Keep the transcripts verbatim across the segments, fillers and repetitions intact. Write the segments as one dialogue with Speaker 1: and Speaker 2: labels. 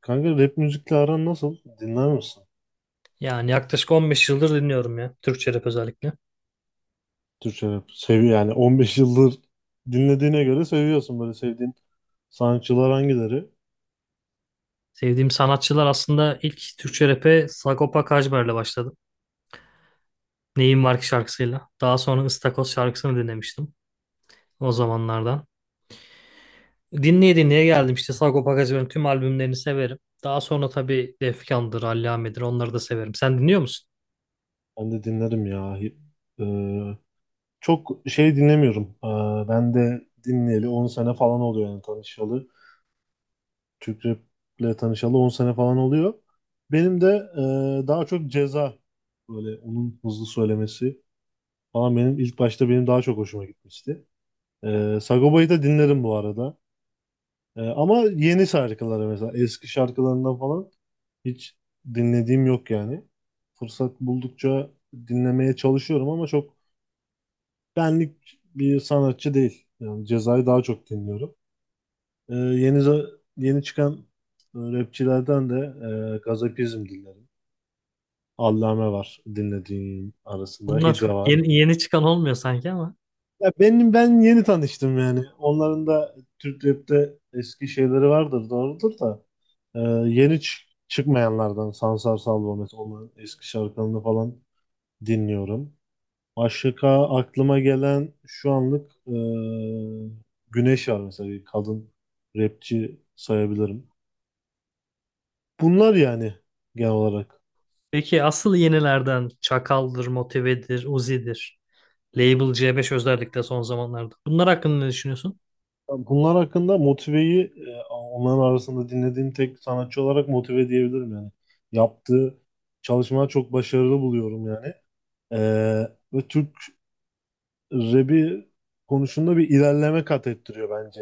Speaker 1: Kanka rap müzikle aran nasıl? Dinler misin?
Speaker 2: Yani yaklaşık on beş yıldır dinliyorum ya. Türkçe rap özellikle.
Speaker 1: Türkçe rap. Sevi yani on beş yıldır dinlediğine göre seviyorsun, böyle sevdiğin sanatçılar hangileri?
Speaker 2: Sevdiğim sanatçılar aslında ilk Türkçe rap'e Sagopa Kajmer'le başladım. Neyim Var Ki şarkısıyla. Daha sonra Istakoz şarkısını dinlemiştim o zamanlardan. Dinleye dinleye geldim işte Sagopa Kajmer'in tüm albümlerini severim. Daha sonra tabii Defkan'dır, Allame'dir, onları da severim. Sen dinliyor musun?
Speaker 1: Ben de dinlerim ya. Hi- Ee, çok şey dinlemiyorum. Ee, ben de dinleyeli on sene falan oluyor yani tanışalı. Türk raple tanışalı on sene falan oluyor. Benim de e, daha çok Ceza, böyle onun hızlı söylemesi falan, benim ilk başta benim daha çok hoşuma gitmişti. Ee, Sagopa'yı da dinlerim bu arada. Ee, ama yeni şarkıları, mesela eski şarkılarından falan hiç dinlediğim yok yani. Fırsat buldukça dinlemeye çalışıyorum ama çok benlik bir sanatçı değil. Yani Ceza'yı daha çok dinliyorum. Ee, yeni za- yeni çıkan e, rapçilerden de e, Gazapizm dinlerim. Allame var dinlediğim arasında.
Speaker 2: Bunlar çok
Speaker 1: Hidra var.
Speaker 2: yeni, yeni çıkan olmuyor sanki ama.
Speaker 1: Ya benim ben yeni tanıştım yani. Onların da Türk rap'te eski şeyleri vardır, doğrudur da. Ee, yeni çı- Çıkmayanlardan Sansar Salvo, mesela onun eski şarkılarını falan dinliyorum. Başka aklıma gelen şu anlık ee, Güneş var mesela, bir kadın rapçi sayabilirim. Bunlar yani, genel olarak.
Speaker 2: Peki asıl yenilerden Çakal'dır, Motive'dir, Uzi'dir. Label C beş özellikle son zamanlarda. Bunlar hakkında ne düşünüyorsun?
Speaker 1: Bunlar hakkında Motive'yi, ee, onların arasında dinlediğim tek sanatçı olarak Motive diyebilirim yani. Yaptığı çalışmalar çok başarılı buluyorum yani. Ee, ve Türk rap'i konusunda bir ilerleme kat ettiriyor bence.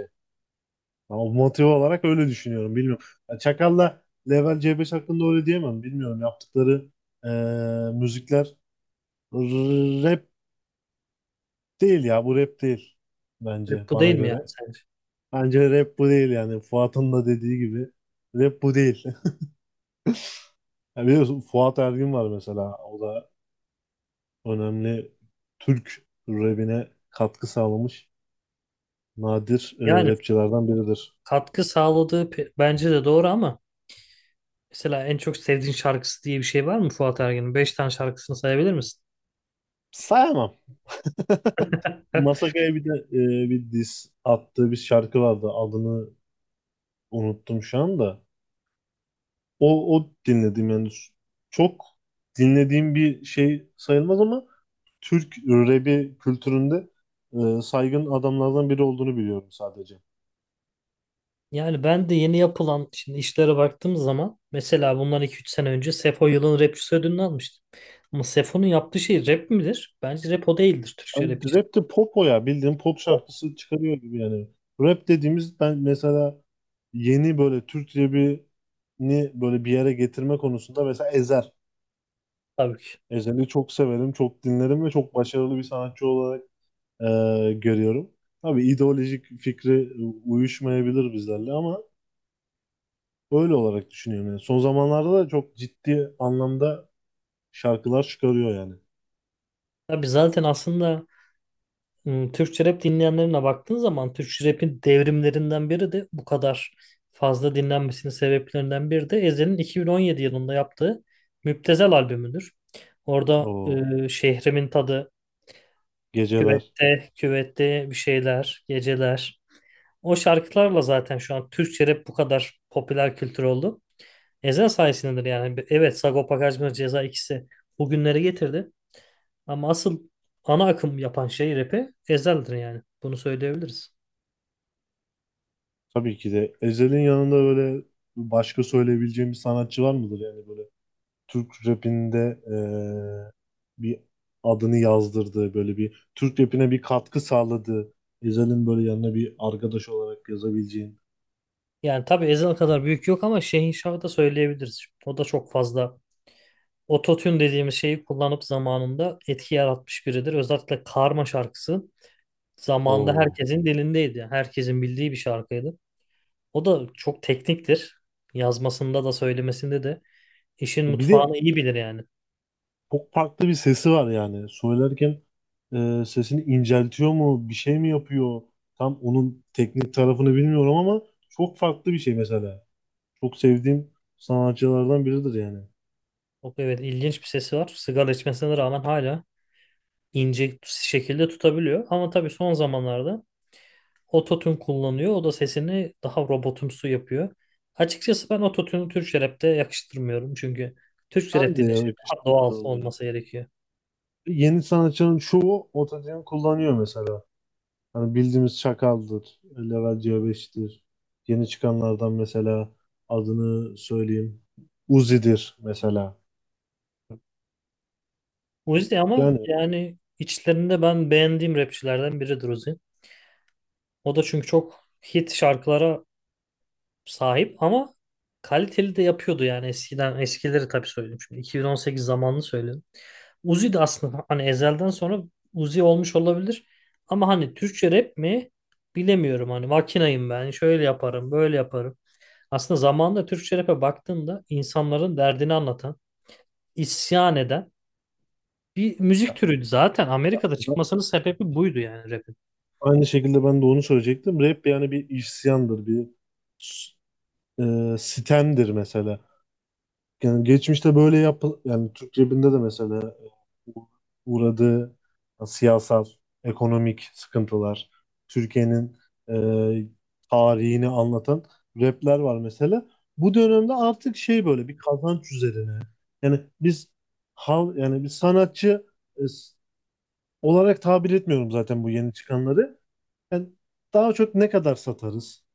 Speaker 1: Ama motive olarak öyle düşünüyorum. Bilmiyorum. Ya Çakal'la Level C beş hakkında öyle diyemem. Bilmiyorum. Yaptıkları eee, müzikler r- rap değil ya. Bu rap değil bence,
Speaker 2: Bu değil
Speaker 1: bana
Speaker 2: mi yani
Speaker 1: göre.
Speaker 2: sence?
Speaker 1: Bence rap bu değil yani. Fuat'ın da dediği gibi rap bu değil. Ya biliyorsun, Fuat Ergin var mesela. O da önemli, Türk rapine katkı sağlamış nadir e,
Speaker 2: Yani
Speaker 1: rapçilerden biridir.
Speaker 2: katkı sağladığı pe- bence de doğru, ama mesela en çok sevdiğin şarkısı diye bir şey var mı Fuat Ergen'in? Beş tane şarkısını sayabilir misin?
Speaker 1: Sayamam. Masakaya bir de e, bir diss attığı bir şarkı vardı. Adını unuttum şu anda. O, o dinledim yani. Çok dinlediğim bir şey sayılmaz ama Türk rap'i kültüründe e, saygın adamlardan biri olduğunu biliyorum sadece.
Speaker 2: Yani ben de yeni yapılan şimdi işlere baktığım zaman, mesela bundan iki üç sene önce Sefo yılın rapçisi ödülünü almıştı. Ama Sefo'nun yaptığı şey rap midir? Bence rap o değildir Türkçe
Speaker 1: Yani
Speaker 2: rap için.
Speaker 1: rap de pop o ya. Bildiğin pop şarkısı çıkarıyor gibi yani. Rap dediğimiz, ben mesela yeni böyle Türk rap'ini böyle bir yere getirme konusunda, mesela Ezer.
Speaker 2: Tabii ki.
Speaker 1: Ezel'i çok severim, çok dinlerim ve çok başarılı bir sanatçı olarak e, görüyorum. Tabii ideolojik fikri e, uyuşmayabilir bizlerle ama öyle olarak düşünüyorum. Yani son zamanlarda da çok ciddi anlamda şarkılar çıkarıyor yani.
Speaker 2: Tabii zaten aslında, Hmm, Türkçe rap dinleyenlerine baktığın zaman Türkçe rap'in devrimlerinden biri de, bu kadar fazla dinlenmesinin sebeplerinden biri de Ezhel'in iki bin on yedi yılında yaptığı Müptezel albümüdür. Orada
Speaker 1: O
Speaker 2: e, şehrimin tadı,
Speaker 1: geceler.
Speaker 2: küvette, küvette bir şeyler, geceler. O şarkılarla zaten şu an Türkçe rap bu kadar popüler kültür oldu. Ezhel sayesindedir yani. Evet, Sagopa Kajmer, Ceza ikisi bugünlere getirdi. Ama asıl ana akım yapan şey rap'i Ezhel'dir yani. Bunu söyleyebiliriz.
Speaker 1: Tabii ki de Ezel'in yanında böyle başka söyleyebileceğim bir sanatçı var mıdır yani, böyle Türk rapinde eee, bir adını yazdırdığı, böyle bir Türk rapine bir katkı sağladığı, Ezel'in böyle yanına bir arkadaş olarak yazabileceğin.
Speaker 2: Yani tabii Ezhel kadar büyük yok, ama Şehin Şah'ı da söyleyebiliriz. O da çok fazla ototune dediğimiz şeyi kullanıp zamanında etki yaratmış biridir. Özellikle Karma şarkısı zamanında
Speaker 1: O,
Speaker 2: herkesin dilindeydi. Yani herkesin bildiği bir şarkıydı. O da çok tekniktir. Yazmasında da söylemesinde de işin
Speaker 1: bir de
Speaker 2: mutfağını iyi bilir yani.
Speaker 1: çok farklı bir sesi var yani söylerken, eee, sesini inceltiyor mu bir şey mi yapıyor, tam onun teknik tarafını bilmiyorum ama çok farklı bir şey mesela, çok sevdiğim sanatçılardan biridir yani.
Speaker 2: Çok evet, ilginç bir sesi var. Sigara içmesine rağmen hala ince şekilde tutabiliyor. Ama tabii son zamanlarda ototune kullanıyor. O da sesini daha robotumsu yapıyor. Açıkçası ben ototune'u Türkçe rap'te yakıştırmıyorum. Çünkü Türkçe rap
Speaker 1: Ben de
Speaker 2: de
Speaker 1: ya
Speaker 2: şey, daha doğal
Speaker 1: yakıştırıyorum ya.
Speaker 2: olması gerekiyor.
Speaker 1: Yeni sanatçının çoğu otojen kullanıyor mesela. Hani bildiğimiz Çakal'dır, Level C beştir. Yeni çıkanlardan mesela adını söyleyeyim. Uzi'dir mesela.
Speaker 2: Uzi ama
Speaker 1: Yani
Speaker 2: yani içlerinde ben beğendiğim rapçilerden biridir Uzi. O da çünkü çok hit şarkılara sahip, ama kaliteli de yapıyordu yani eskiden, eskileri tabii söyledim, şimdi iki bin on sekiz zamanını söyledim. Uzi de aslında hani Ezel'den sonra Uzi olmuş olabilir, ama hani Türkçe rap mi bilemiyorum, hani makinayım ben, şöyle yaparım, böyle yaparım. Aslında zamanında Türkçe rap'e baktığında insanların derdini anlatan, isyan eden bir müzik
Speaker 1: ya-
Speaker 2: türüydü zaten. Amerika'da
Speaker 1: ya-
Speaker 2: çıkmasının sebebi buydu yani rap'in.
Speaker 1: aynı şekilde ben de onu söyleyecektim. Rap yani bir isyandır, bir e, sitemdir mesela. Yani geçmişte böyle yap, yani Türk cebinde de mesela e, u- uğradığı siyasal, ekonomik sıkıntılar, Türkiye'nin e, tarihini anlatan rapler var mesela. Bu dönemde artık şey, böyle bir kazanç üzerine. Yani biz hal yani bir sanatçı e, s- olarak tabir etmiyorum zaten bu yeni çıkanları. Yani daha çok ne kadar satarız?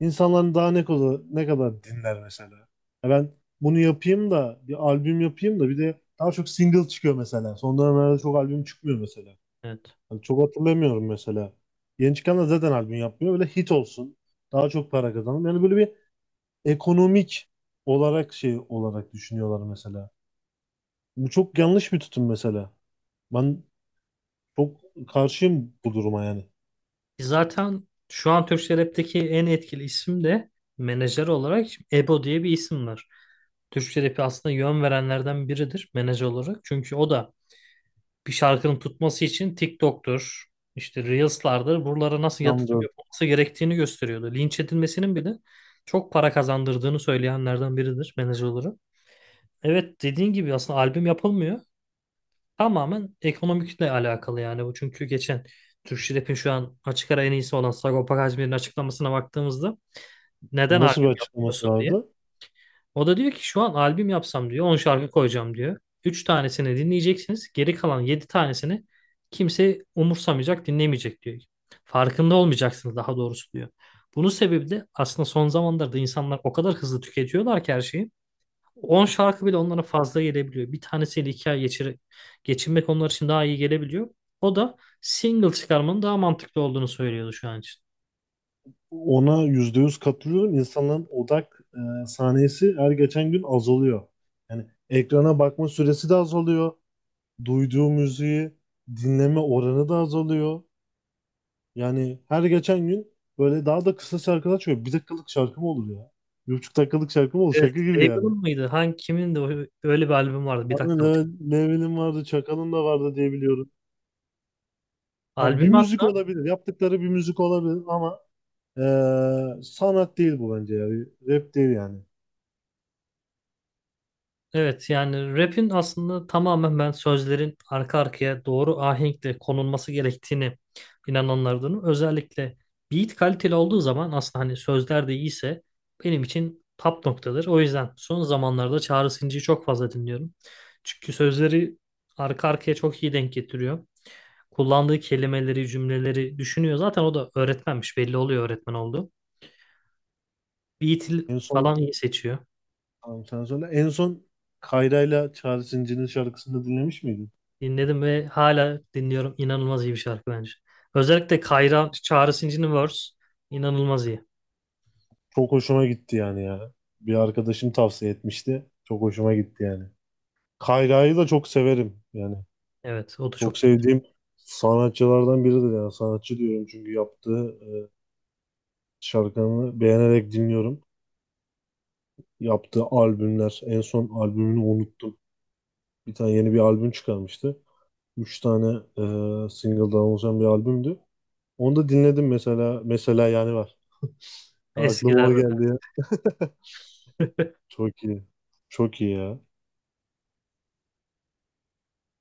Speaker 1: İnsanların daha ne kadar, ne kadar dinler mesela. Ya ben bunu yapayım da, bir albüm yapayım da, bir de daha çok single çıkıyor mesela. Son dönemlerde çok albüm çıkmıyor mesela.
Speaker 2: Evet.
Speaker 1: Hani çok hatırlamıyorum mesela. Yeni çıkan da zaten albüm yapmıyor. Böyle hit olsun, daha çok para kazanalım. Yani böyle bir ekonomik olarak şey olarak düşünüyorlar mesela. Bu çok yanlış bir tutum mesela. Ben çok karşıyım bu duruma yani.
Speaker 2: E, Zaten şu an Türkçe rap'teki en etkili isim de menajer olarak Ebo diye bir isim var. Türkçe rap'i aslında yön verenlerden biridir menajer olarak. Çünkü o da bir şarkının tutması için TikTok'tur, işte Reels'lardır. Buralara nasıl
Speaker 1: Yanda
Speaker 2: yatırım yapılması gerektiğini gösteriyordu. Linç edilmesinin bile çok para kazandırdığını söyleyenlerden biridir menajer olarak. Evet, dediğin gibi aslında albüm yapılmıyor. Tamamen ekonomikle alakalı yani bu. Çünkü geçen Türk Rap'in şu an açık ara en iyisi olan Sagopa Kajmer'in açıklamasına baktığımızda, neden
Speaker 1: nasıl bir
Speaker 2: albüm
Speaker 1: açıklaması
Speaker 2: yapmıyorsun diye.
Speaker 1: vardı?
Speaker 2: O da diyor ki şu an albüm yapsam, diyor, on şarkı koyacağım, diyor. Üç tanesini dinleyeceksiniz. Geri kalan yedi tanesini kimse umursamayacak, dinlemeyecek, diyor. Farkında olmayacaksınız daha doğrusu, diyor. Bunun sebebi de aslında son zamanlarda insanlar o kadar hızlı tüketiyorlar ki her şeyi. on şarkı bile onlara fazla gelebiliyor. Bir tanesiyle iki ay geçir, geçinmek onlar için daha iyi gelebiliyor. O da single çıkarmanın daha mantıklı olduğunu söylüyordu şu an için.
Speaker 1: Ona yüzde yüz katılıyorum. İnsanların odak e, saniyesi her geçen gün azalıyor. Yani ekrana bakma süresi de azalıyor. Duyduğu müziği dinleme oranı da azalıyor. Yani her geçen gün böyle daha da kısa şarkılar çıkıyor. Bir dakikalık şarkı mı olur ya? Bir buçuk dakikalık şarkı mı olur?
Speaker 2: Evet,
Speaker 1: Şaka gibi
Speaker 2: Eagle'ın
Speaker 1: yani.
Speaker 2: mıydı? Hangi, kimin de öyle bir albüm vardı? Bir
Speaker 1: Hani
Speaker 2: dakikalık.
Speaker 1: Leve- Level'in vardı, Çakal'ın da vardı diye biliyorum. Yani bir
Speaker 2: Albüm at.
Speaker 1: müzik olabilir, yaptıkları bir müzik olabilir ama eee, sanat değil bu bence ya. Bir rap değil yani.
Speaker 2: Evet yani rap'in aslında tamamen ben sözlerin arka arkaya doğru ahenkle konulması gerektiğini inananlardanım. Özellikle beat kaliteli olduğu zaman aslında hani sözler de iyiyse benim için top noktadır. O yüzden son zamanlarda Çağrı Sıncı'yı çok fazla dinliyorum. Çünkü sözleri arka arkaya çok iyi denk getiriyor. Kullandığı kelimeleri, cümleleri düşünüyor. Zaten o da öğretmenmiş, belli oluyor öğretmen olduğu. Beat
Speaker 1: En son,
Speaker 2: falan iyi seçiyor.
Speaker 1: tamam sen söyle. En son Kayra'yla Çağrı Zincir'in şarkısını dinlemiş miydin?
Speaker 2: Dinledim ve hala dinliyorum. İnanılmaz iyi bir şarkı bence. Özellikle Kayra Çağrı Sinci'nin verse inanılmaz iyi.
Speaker 1: Çok hoşuma gitti yani ya. Bir arkadaşım tavsiye etmişti. Çok hoşuma gitti yani. Kayra'yı da çok severim yani.
Speaker 2: Evet, o da
Speaker 1: Çok
Speaker 2: çok iyi.
Speaker 1: sevdiğim sanatçılardan biridir yani, sanatçı diyorum çünkü yaptığı e, şarkılarını beğenerek dinliyorum. Yaptığı albümler, en son albümünü unuttum. Bir tane yeni bir albüm çıkarmıştı. Üç tane e, single'dan oluşan bir albümdü. Onu da dinledim mesela. Mesela yani var. Aklıma o
Speaker 2: Eskilerden.
Speaker 1: geldi ya. Çok iyi. Çok iyi ya.